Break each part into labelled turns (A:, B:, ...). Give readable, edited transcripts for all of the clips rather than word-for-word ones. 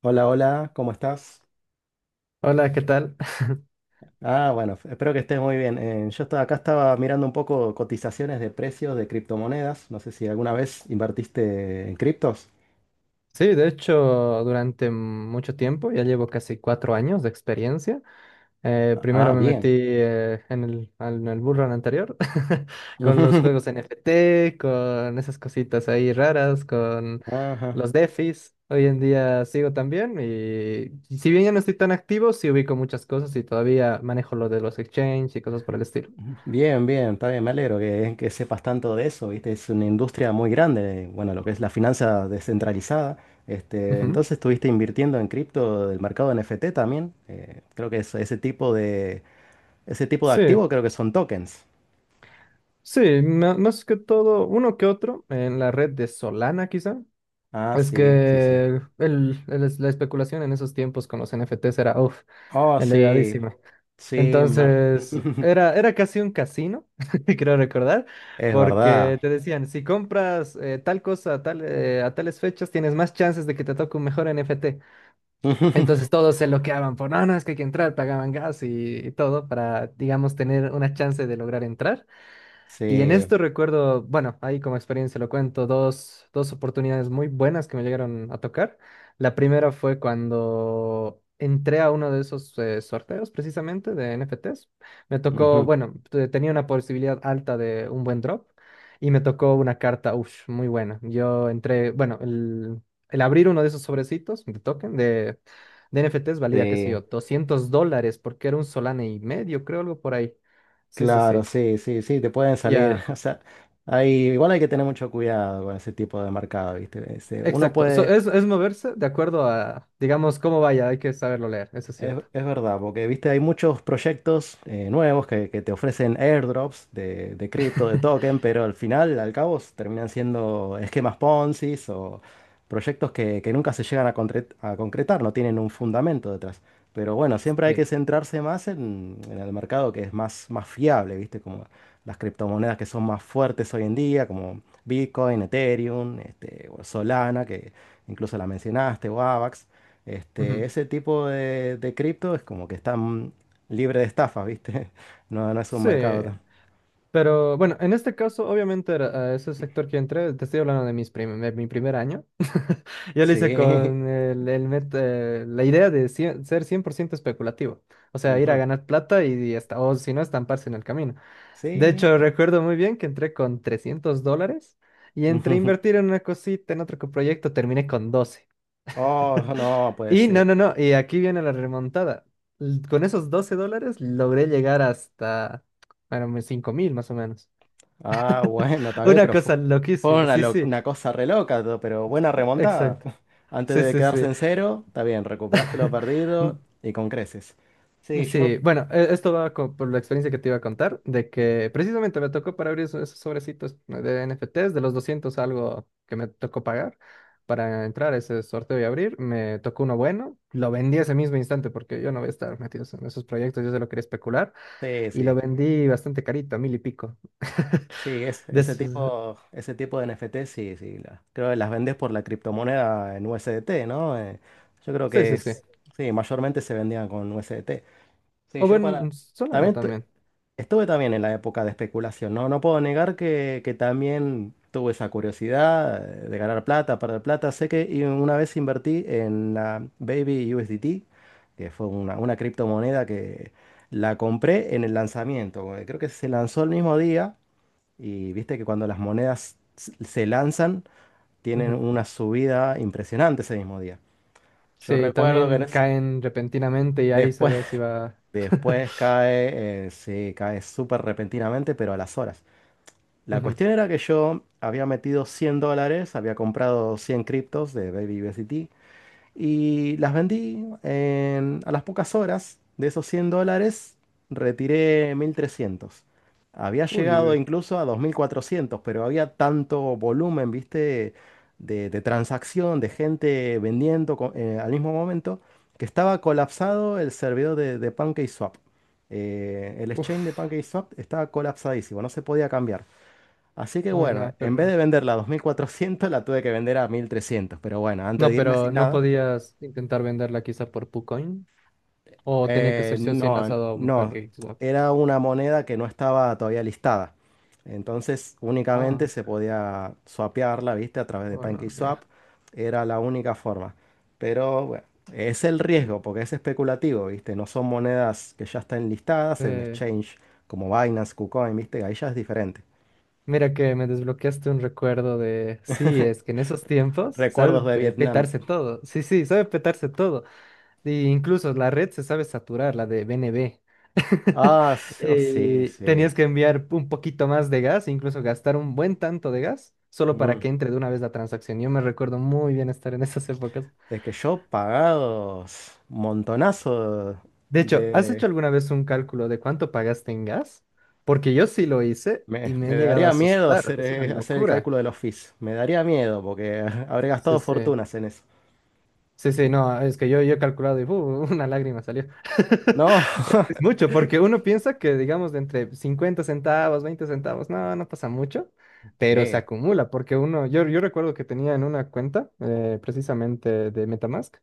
A: Hola, hola, ¿cómo estás?
B: Hola, ¿qué tal?
A: Ah, bueno, espero que estés muy bien. Yo estaba acá, estaba mirando un poco cotizaciones de precios de criptomonedas. No sé si alguna vez invertiste en criptos.
B: Sí, de hecho, durante mucho tiempo, ya llevo casi 4 años de experiencia. Primero
A: Ah,
B: me metí
A: bien.
B: en el bull run anterior con los juegos NFT, con esas cositas ahí raras, con
A: Ajá.
B: los DeFis. Hoy en día sigo también y si bien ya no estoy tan activo, sí ubico muchas cosas y todavía manejo lo de los exchanges y cosas por el estilo.
A: Bien, bien, está bien, me alegro que sepas tanto de eso, ¿viste? Es una industria muy grande, bueno, lo que es la finanza descentralizada. Este,
B: Ujú.
A: entonces estuviste invirtiendo en cripto del mercado NFT también. Creo que ese tipo de
B: Sí,
A: activo creo que son tokens.
B: sí, más que todo, uno que otro en la red de Solana quizá.
A: Ah,
B: Es
A: sí, sí, sí.
B: que el la especulación en esos tiempos con los NFTs era, uff,
A: Oh, sí,
B: elevadísima.
A: sí,
B: Entonces, era casi un casino, creo recordar,
A: es verdad.
B: porque te decían, si compras tal cosa a tales fechas, tienes más chances de que te toque un mejor NFT. Entonces todos se loqueaban por, no, no, es que hay que entrar, pagaban gas y todo para, digamos, tener una chance de lograr entrar. Y en
A: Sí,
B: esto recuerdo, bueno, ahí como experiencia lo cuento, dos oportunidades muy buenas que me llegaron a tocar. La primera fue cuando entré a uno de esos sorteos precisamente de NFTs. Me tocó,
A: ujú,
B: bueno, tenía una posibilidad alta de un buen drop y me tocó una carta, uff, muy buena. Yo entré, bueno, el abrir uno de esos sobrecitos de token de NFTs valía, qué sé yo,
A: sí,
B: $200 porque era un solane y medio, creo, algo por ahí. Sí, sí,
A: claro,
B: sí.
A: sí, sí, sí, te pueden salir.
B: Ya,
A: O sea, igual hay que tener mucho cuidado con ese tipo de mercado, ¿viste? Este, uno
B: exacto. So,
A: puede...
B: es moverse de acuerdo a, digamos, cómo vaya. Hay que saberlo leer, eso es
A: Es,
B: cierto.
A: es verdad, porque viste, hay muchos proyectos nuevos que te ofrecen airdrops de cripto, de token, pero al final, al cabo, terminan siendo esquemas Ponzi o proyectos que nunca se llegan a concretar, no tienen un fundamento detrás. Pero bueno, siempre hay
B: Sí.
A: que centrarse más en el mercado que es más fiable, viste, como las criptomonedas que son más fuertes hoy en día, como Bitcoin, Ethereum, este, o Solana, que incluso la mencionaste, o AVAX. Este,
B: Ujú.
A: ese tipo de cripto es como que están libre de estafa, ¿viste? No, no es un mercado
B: Sí.
A: tan...
B: Pero bueno, en este caso, obviamente, era, ese sector que entré, te estoy hablando de mi primer año. Yo lo hice
A: Sí.
B: con la idea de ser 100% especulativo. O sea, ir a
A: Ujú,
B: ganar plata y, hasta, o si no, estamparse en el camino. De
A: sí.
B: hecho, recuerdo muy bien que entré con $300 y entre
A: Ujú.
B: invertir en una cosita, en otro proyecto, terminé con 12.
A: Oh, no, pues
B: Y no,
A: sí.
B: no, no, y aquí viene la remontada. Con esos $12 logré llegar hasta, bueno, mis 5.000 más o menos.
A: Ah, bueno, está bien,
B: Una
A: pero
B: cosa
A: fue,
B: loquísima, sí, sí,
A: una cosa re loca, pero buena remontada.
B: exacto.
A: Antes
B: Sí,
A: de
B: sí,
A: quedarse
B: sí.
A: en cero, está bien, recuperaste lo perdido
B: N-
A: y con creces. Sí, yo...
B: Sí, bueno, esto va por la experiencia que te iba a contar, de que precisamente me tocó para abrir esos sobrecitos de NFTs, de los 200 algo que me tocó pagar para entrar a ese sorteo y abrir, me tocó uno bueno, lo vendí ese mismo instante porque yo no voy a estar metido en esos proyectos, yo solo quería especular.
A: Sí,
B: Y lo
A: sí.
B: vendí bastante carito, a mil y pico.
A: Sí, es,
B: De
A: ese
B: esos-
A: tipo, ese tipo de NFT, sí, sí. Creo que las vendes por la criptomoneda en USDT, ¿no? Yo creo
B: Sí,
A: que
B: sí, sí.
A: es, sí, mayormente se vendían con USDT. Sí,
B: O
A: yo para...
B: bueno, Solana
A: También
B: también.
A: estuve también en la época de especulación, ¿no? No puedo negar que también tuve esa curiosidad de ganar plata, perder plata. Sé que y una vez invertí en la Baby USDT, que fue una criptomoneda que la compré en el lanzamiento. Creo que se lanzó el mismo día. Y viste que cuando las monedas se lanzan, tienen
B: Ujú.
A: una subida impresionante ese mismo día. Yo
B: Sí,
A: recuerdo que
B: también caen repentinamente y ahí se
A: después,
B: ve si va.
A: después cae, sí, cae súper repentinamente, pero a las horas. La
B: Ujú.
A: cuestión era que yo había metido $100, había comprado 100 criptos de Baby BST. Y las vendí a las pocas horas. De esos $100, retiré 1.300. Había
B: Uy, uy,
A: llegado
B: uy.
A: incluso a 2.400, pero había tanto volumen, viste, de transacción, de gente vendiendo al mismo momento, que estaba colapsado el servidor de PancakeSwap. El exchange de
B: Uf.
A: PancakeSwap estaba colapsadísimo, no se podía cambiar. Así que
B: Uy,
A: bueno,
B: no, qué
A: en vez
B: horror.
A: de venderla a 2.400, la tuve que vender a 1.300. Pero bueno, antes
B: No,
A: de irme
B: pero
A: sin
B: no
A: nada.
B: podías intentar venderla quizá por PuCoin. O tenía que ser sí o sí
A: No,
B: enlazado a un
A: no,
B: package. ¿Swap?
A: era una moneda que no estaba todavía listada. Entonces únicamente
B: Ah,
A: se
B: OK.
A: podía swapearla, ¿viste? A través de
B: Oh, no, mira.
A: PancakeSwap. Era la única forma. Pero bueno, es el riesgo porque es especulativo, ¿viste? No son monedas que ya están listadas en exchange como Binance, KuCoin, ¿viste? Ahí ya es diferente.
B: Mira que me desbloqueaste un recuerdo de, sí, es que en esos tiempos sabe
A: Recuerdos de Vietnam.
B: petarse todo. Sí, sí, sabe petarse todo. E incluso la red se sabe saturar, la de BNB.
A: Ah, oh, sí,
B: Tenías
A: sí.
B: que enviar un poquito más de gas, incluso gastar un buen tanto de gas, solo para
A: Mm,
B: que entre de una vez la transacción. Yo me recuerdo muy bien estar en esas épocas.
A: Es que yo pagados montonazo
B: De hecho, ¿has hecho
A: de...
B: alguna vez un cálculo de cuánto pagaste en gas? Porque yo sí lo hice y
A: Me,
B: me he
A: me
B: llegado a
A: daría miedo
B: asustar.
A: hacer,
B: Es una
A: eh, hacer el
B: locura.
A: cálculo de los fees. Me daría miedo porque habré
B: Sí,
A: gastado
B: sí.
A: fortunas en eso.
B: Sí, sí,
A: Eh,
B: no, es que yo he calculado y ¡uh! una lágrima salió.
A: No,
B: Es mucho, porque uno piensa que, digamos, de entre 50 centavos, 20 centavos, no, no pasa mucho, pero se
A: sí,
B: acumula, porque uno, yo recuerdo que tenía en una cuenta, precisamente de MetaMask,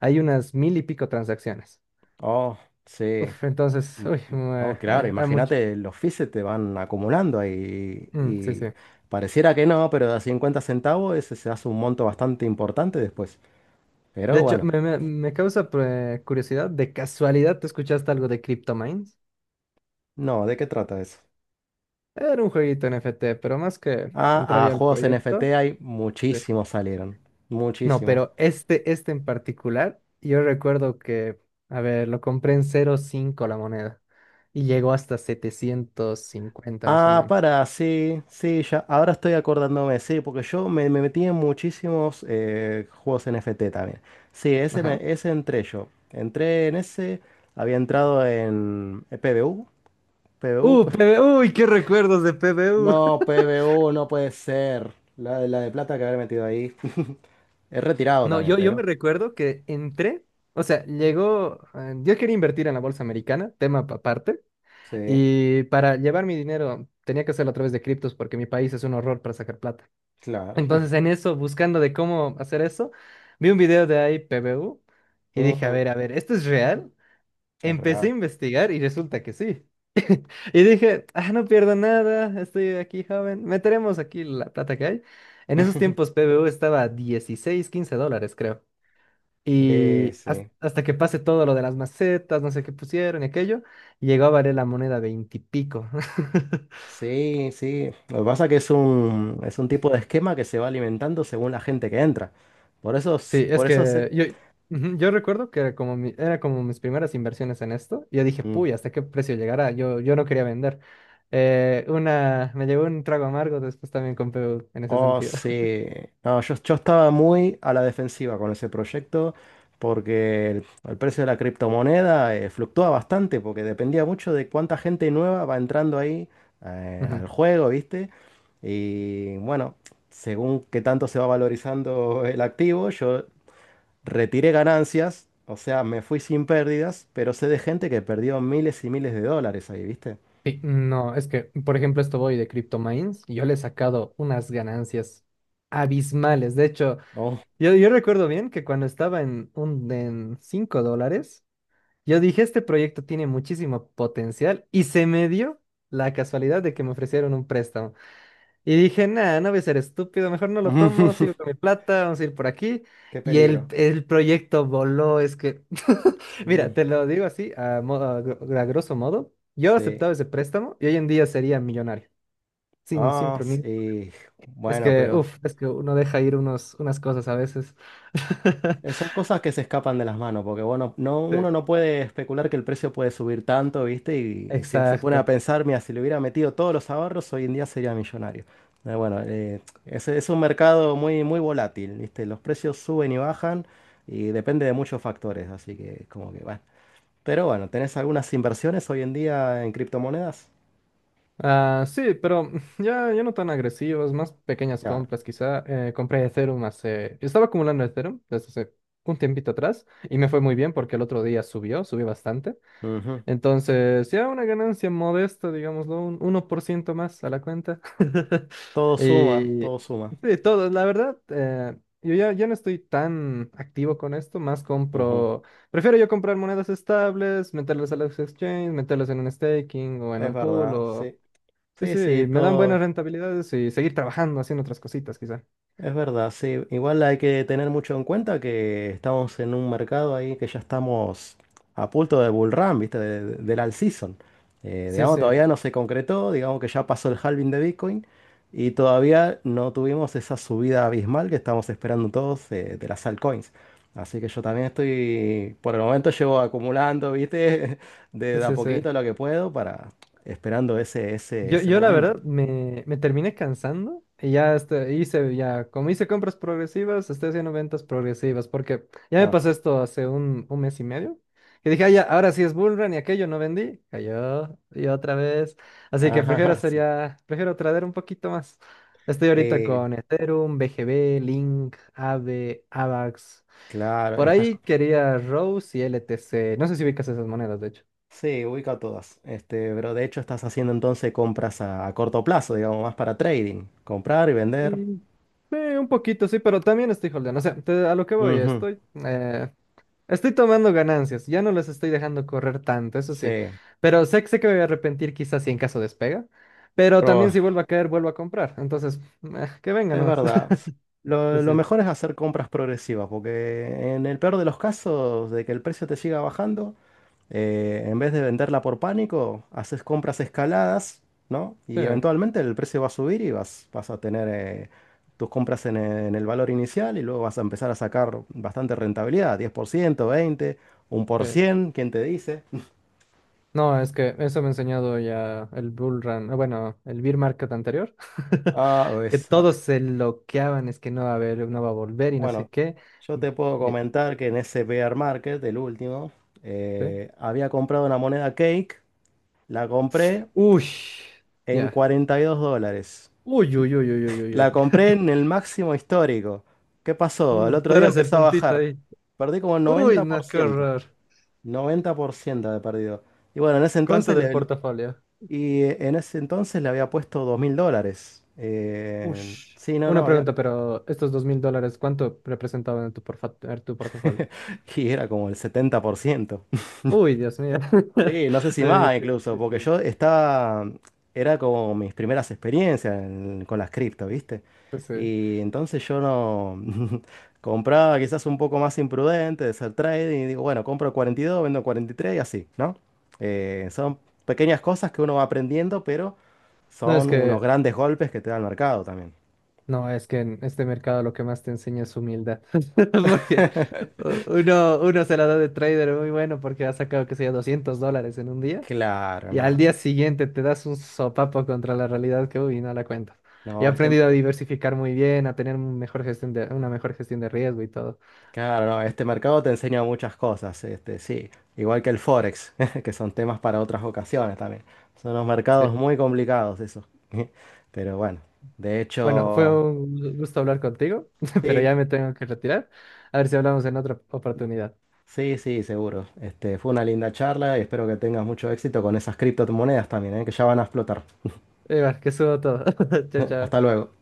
B: hay unas mil y pico transacciones.
A: oh, sí.
B: Uf, entonces,
A: Mm,
B: uy,
A: mm. Oh, claro,
B: era mucho.
A: imagínate, los fees se te van acumulando ahí
B: Mm, sí, sí.
A: y pareciera que no, pero de a 50 centavos ese se hace un monto bastante importante después.
B: De
A: Pero
B: hecho,
A: bueno,
B: me causa curiosidad, ¿de casualidad te escuchaste algo de CryptoMines?
A: no, ¿de qué trata eso?
B: Era un jueguito NFT pero más que
A: Ah, a
B: entraría al
A: juegos
B: proyecto.
A: NFT hay
B: Sí.
A: muchísimos salieron,
B: No,
A: muchísimos.
B: pero este en particular, yo recuerdo que, a ver, lo compré en 0,5 la moneda y llegó hasta 750 más o
A: Ah,
B: menos.
A: para, sí, sí, ya, ahora estoy acordándome, sí, porque yo me metí en muchísimos juegos NFT también. Sí, ese, me-
B: Ajá.
A: ese entré yo. Entré en ese, había entrado en PBU, PBU.
B: PB, uy, qué recuerdos de PBU.
A: No, PBU no puede ser. La de plata que haber metido ahí. He retirado
B: No,
A: también,
B: yo
A: pero.
B: me recuerdo que entré, o sea, llegó, yo quería invertir en la bolsa americana, tema aparte,
A: Sí,
B: y para llevar mi dinero tenía que hacerlo a través de criptos porque mi país es un horror para sacar plata.
A: claro.
B: Entonces, en eso, buscando de cómo hacer eso, vi un video de ahí AIPBU y dije,
A: Mm,
B: a ver, ¿esto es real?
A: es
B: Empecé a
A: real.
B: investigar y resulta que sí. Y dije, ah, no pierdo nada, estoy aquí joven, meteremos aquí la plata que hay. En esos tiempos PBU estaba a 16, $15, creo.
A: Eh,
B: Y
A: sí.
B: hasta que pase todo lo de las macetas, no sé qué pusieron y aquello, llegó a valer la moneda 20 y pico.
A: Sí, sí. Lo que pasa es que es un tipo de esquema que se va alimentando según la gente que entra. Por eso, s-
B: Sí, es
A: por eso se...
B: que yo, ujú, yo recuerdo que como era como mis primeras inversiones en esto, y yo dije,
A: Mm.
B: puy, ¿hasta qué precio llegará? Yo no quería vender. Una, me llevó un trago amargo, después también compré en ese
A: Oh,
B: sentido.
A: sí. No, yo estaba muy a la defensiva con ese proyecto porque el precio de la criptomoneda fluctúa bastante porque dependía mucho de cuánta gente nueva va entrando ahí,
B: Ujú.
A: al juego, ¿viste? Y bueno, según qué tanto se va valorizando el activo, yo retiré ganancias, o sea, me fui sin pérdidas, pero sé de gente que perdió miles y miles de dólares ahí, ¿viste?
B: Sí, no, es que, por ejemplo, esto voy de CryptoMines, y yo le he sacado unas ganancias abismales. De hecho,
A: Oh,
B: yo recuerdo bien que cuando estaba en, en $5, yo dije, este proyecto tiene muchísimo potencial, y se me dio la casualidad de que me ofrecieron un préstamo. Y dije, nada, no voy a ser estúpido, mejor no lo tomo, sigo con mi plata, vamos a ir por aquí.
A: qué
B: Y el,
A: peligro.
B: el proyecto voló, es que, mira,
A: Mm,
B: te lo digo así, a, mo- a gr- a grosso modo, yo
A: sí.
B: aceptaba ese préstamo y hoy en día sería millonario, sin
A: Ah,
B: prunir.
A: sí.
B: Es
A: Bueno,
B: que,
A: pero...
B: uff, es que uno deja ir unos, unas cosas a veces.
A: Son cosas que se escapan de las manos, porque bueno, no,
B: Sí.
A: uno no puede especular que el precio puede subir tanto, ¿viste? Y se pone
B: Exacto.
A: a pensar, mira, si le hubiera metido todos los ahorros, hoy en día sería millonario. Bueno, es un mercado muy, muy volátil, ¿viste? Los precios suben y bajan y depende de muchos factores, así que como que bueno. Pero bueno, ¿tenés algunas inversiones hoy en día en criptomonedas?
B: Ah, sí, pero ya, ya no tan agresivos, más pequeñas
A: Claro.
B: compras quizá. Compré Ethereum hace... Estaba acumulando Ethereum desde hace un tiempito atrás y me fue muy bien porque el otro día subió bastante.
A: Ujú.
B: Entonces, ya una ganancia modesta, digámoslo, un 1% más a la cuenta.
A: Todo suma,
B: Y
A: todo suma.
B: sí, todo, la verdad, yo ya no estoy tan activo con esto, más
A: Ujú.
B: compro... Prefiero yo comprar monedas estables, meterlas a los exchanges, meterlas en un staking o en
A: Es
B: un pool
A: verdad,
B: o
A: sí.
B: sí,
A: Sí,
B: sí,
A: sí,
B: me dan buenas
A: todo.
B: rentabilidades y seguir trabajando, haciendo otras cositas, quizá.
A: Es verdad, sí. Igual hay que tener mucho en cuenta que estamos en un mercado ahí que ya estamos a punto de bull run, ¿viste? Del all season. Eh,
B: Sí,
A: digamos,
B: sí,
A: todavía no se concretó, digamos que ya pasó el halving de Bitcoin y todavía no tuvimos esa subida abismal que estamos esperando todos, de las altcoins. Así que yo también estoy, por el momento llevo acumulando, ¿viste? De,
B: sí,
A: de a
B: sí, sí.
A: poquito lo que puedo para esperando ese, ese,
B: Yo,
A: ese
B: yo la
A: momento.
B: verdad me terminé cansando y ya este, hice, ya, como hice compras progresivas, estoy haciendo ventas progresivas, porque ya me
A: Ah,
B: pasó esto hace un mes y medio, y dije: "Ah, ya, ahora sí es bullrun", y aquello no vendí, cayó y otra vez. Así que prefiero
A: ajá,
B: hacer
A: sí.
B: ya, prefiero trader un poquito más. Estoy ahorita
A: Eh,
B: con Ethereum, BGB, Link, Aave, Avax.
A: claro,
B: Por
A: estás.
B: ahí quería Rose y LTC. No sé si ubicas esas monedas, de hecho.
A: Sí, ubica todas. Este, pero de hecho estás haciendo entonces compras a corto plazo, digamos, más para trading. Comprar y vender.
B: Mm, sí, un poquito, sí, pero también estoy holdeando. O sea, a lo que voy,
A: Ujú,
B: estoy, estoy tomando ganancias. Ya no las estoy dejando correr tanto, eso
A: sí,
B: sí. Pero sé que me voy a arrepentir quizás si en caso despega. Pero
A: pero
B: también si vuelve a caer, vuelvo a comprar. Entonces, que venga
A: es
B: nomás.
A: verdad.
B: Sí,
A: Lo
B: sí,
A: mejor es hacer compras progresivas, porque en el peor de los casos, de que el precio te siga bajando. En vez de venderla por pánico, haces compras escaladas, ¿no?
B: sí.
A: Y eventualmente el precio va a subir y vas a tener, tus compras en el valor inicial y luego vas a empezar a sacar bastante rentabilidad, 10%, 20,
B: Sí.
A: 1%, ¿quién te dice?
B: No, es que eso me ha enseñado ya el Bull Run, bueno, el Bear Market anterior,
A: Ah,
B: que
A: pues, ah,
B: todos se loqueaban, es que no va a haber, no va a volver y no sé
A: bueno,
B: qué.
A: yo te puedo
B: De-
A: comentar que en ese bear market, el último,
B: ¿Eh?
A: había comprado una moneda cake, la compré
B: Uy,
A: en
B: ya.
A: $42.
B: Uy, uy, uy, uy, uy, uy. Uy.
A: La compré en el máximo histórico. ¿Qué pasó? El
B: Mm, tú
A: otro día
B: eres el
A: empezó a
B: puntito
A: bajar.
B: ahí.
A: Perdí como
B: Uy, no, qué
A: 90%.
B: horror.
A: 90% de perdido. Y bueno,
B: ¿Cuánto del portafolio?
A: en ese entonces le había puesto $2.000. Eh,
B: Ush.
A: sí, no,
B: Una
A: no, había.
B: pregunta, pero estos $2.000, ¿cuánto representaban en tu, en tu portafolio?
A: Y era como el 70%.
B: Uy, Dios mío.
A: Sí, no sé si
B: Debería...
A: más incluso,
B: Sí,
A: porque
B: sí,
A: yo estaba, era como mis primeras experiencias con las cripto, ¿viste?
B: pues sí.
A: Y entonces yo no compraba quizás un poco más imprudente de hacer trading y digo, bueno, compro 42, vendo 43 y tres y así, ¿no? Son pequeñas cosas que uno va aprendiendo, pero
B: No, es
A: son unos
B: que
A: grandes golpes que te da el mercado también.
B: No, es que en este mercado lo que más te enseña es humildad. Porque uno se la da de trader muy bueno porque ha sacado, que sea $200 en un día
A: Claro,
B: y al día
A: nada.
B: siguiente te das un sopapo contra la realidad que, uy, no la cuentas. Y he
A: No, este...
B: aprendido a diversificar muy bien, a tener un mejor gestión de, una mejor gestión de riesgo y todo.
A: Claro, no, este mercado te enseña muchas cosas, este, sí, igual que el Forex, que son temas para otras ocasiones también. Son unos
B: Sí.
A: mercados muy complicados esos. Pero bueno, de
B: Bueno, fue
A: hecho,
B: un gusto hablar contigo, pero
A: sí,
B: ya me tengo que retirar. A ver si hablamos en otra oportunidad.
A: sí, sí, seguro. Este, fue una linda charla y espero que tengas mucho éxito con esas criptomonedas también, ¿eh? Que ya van a explotar.
B: Igual, que subo todo. Chao,
A: Hasta
B: chao.
A: luego.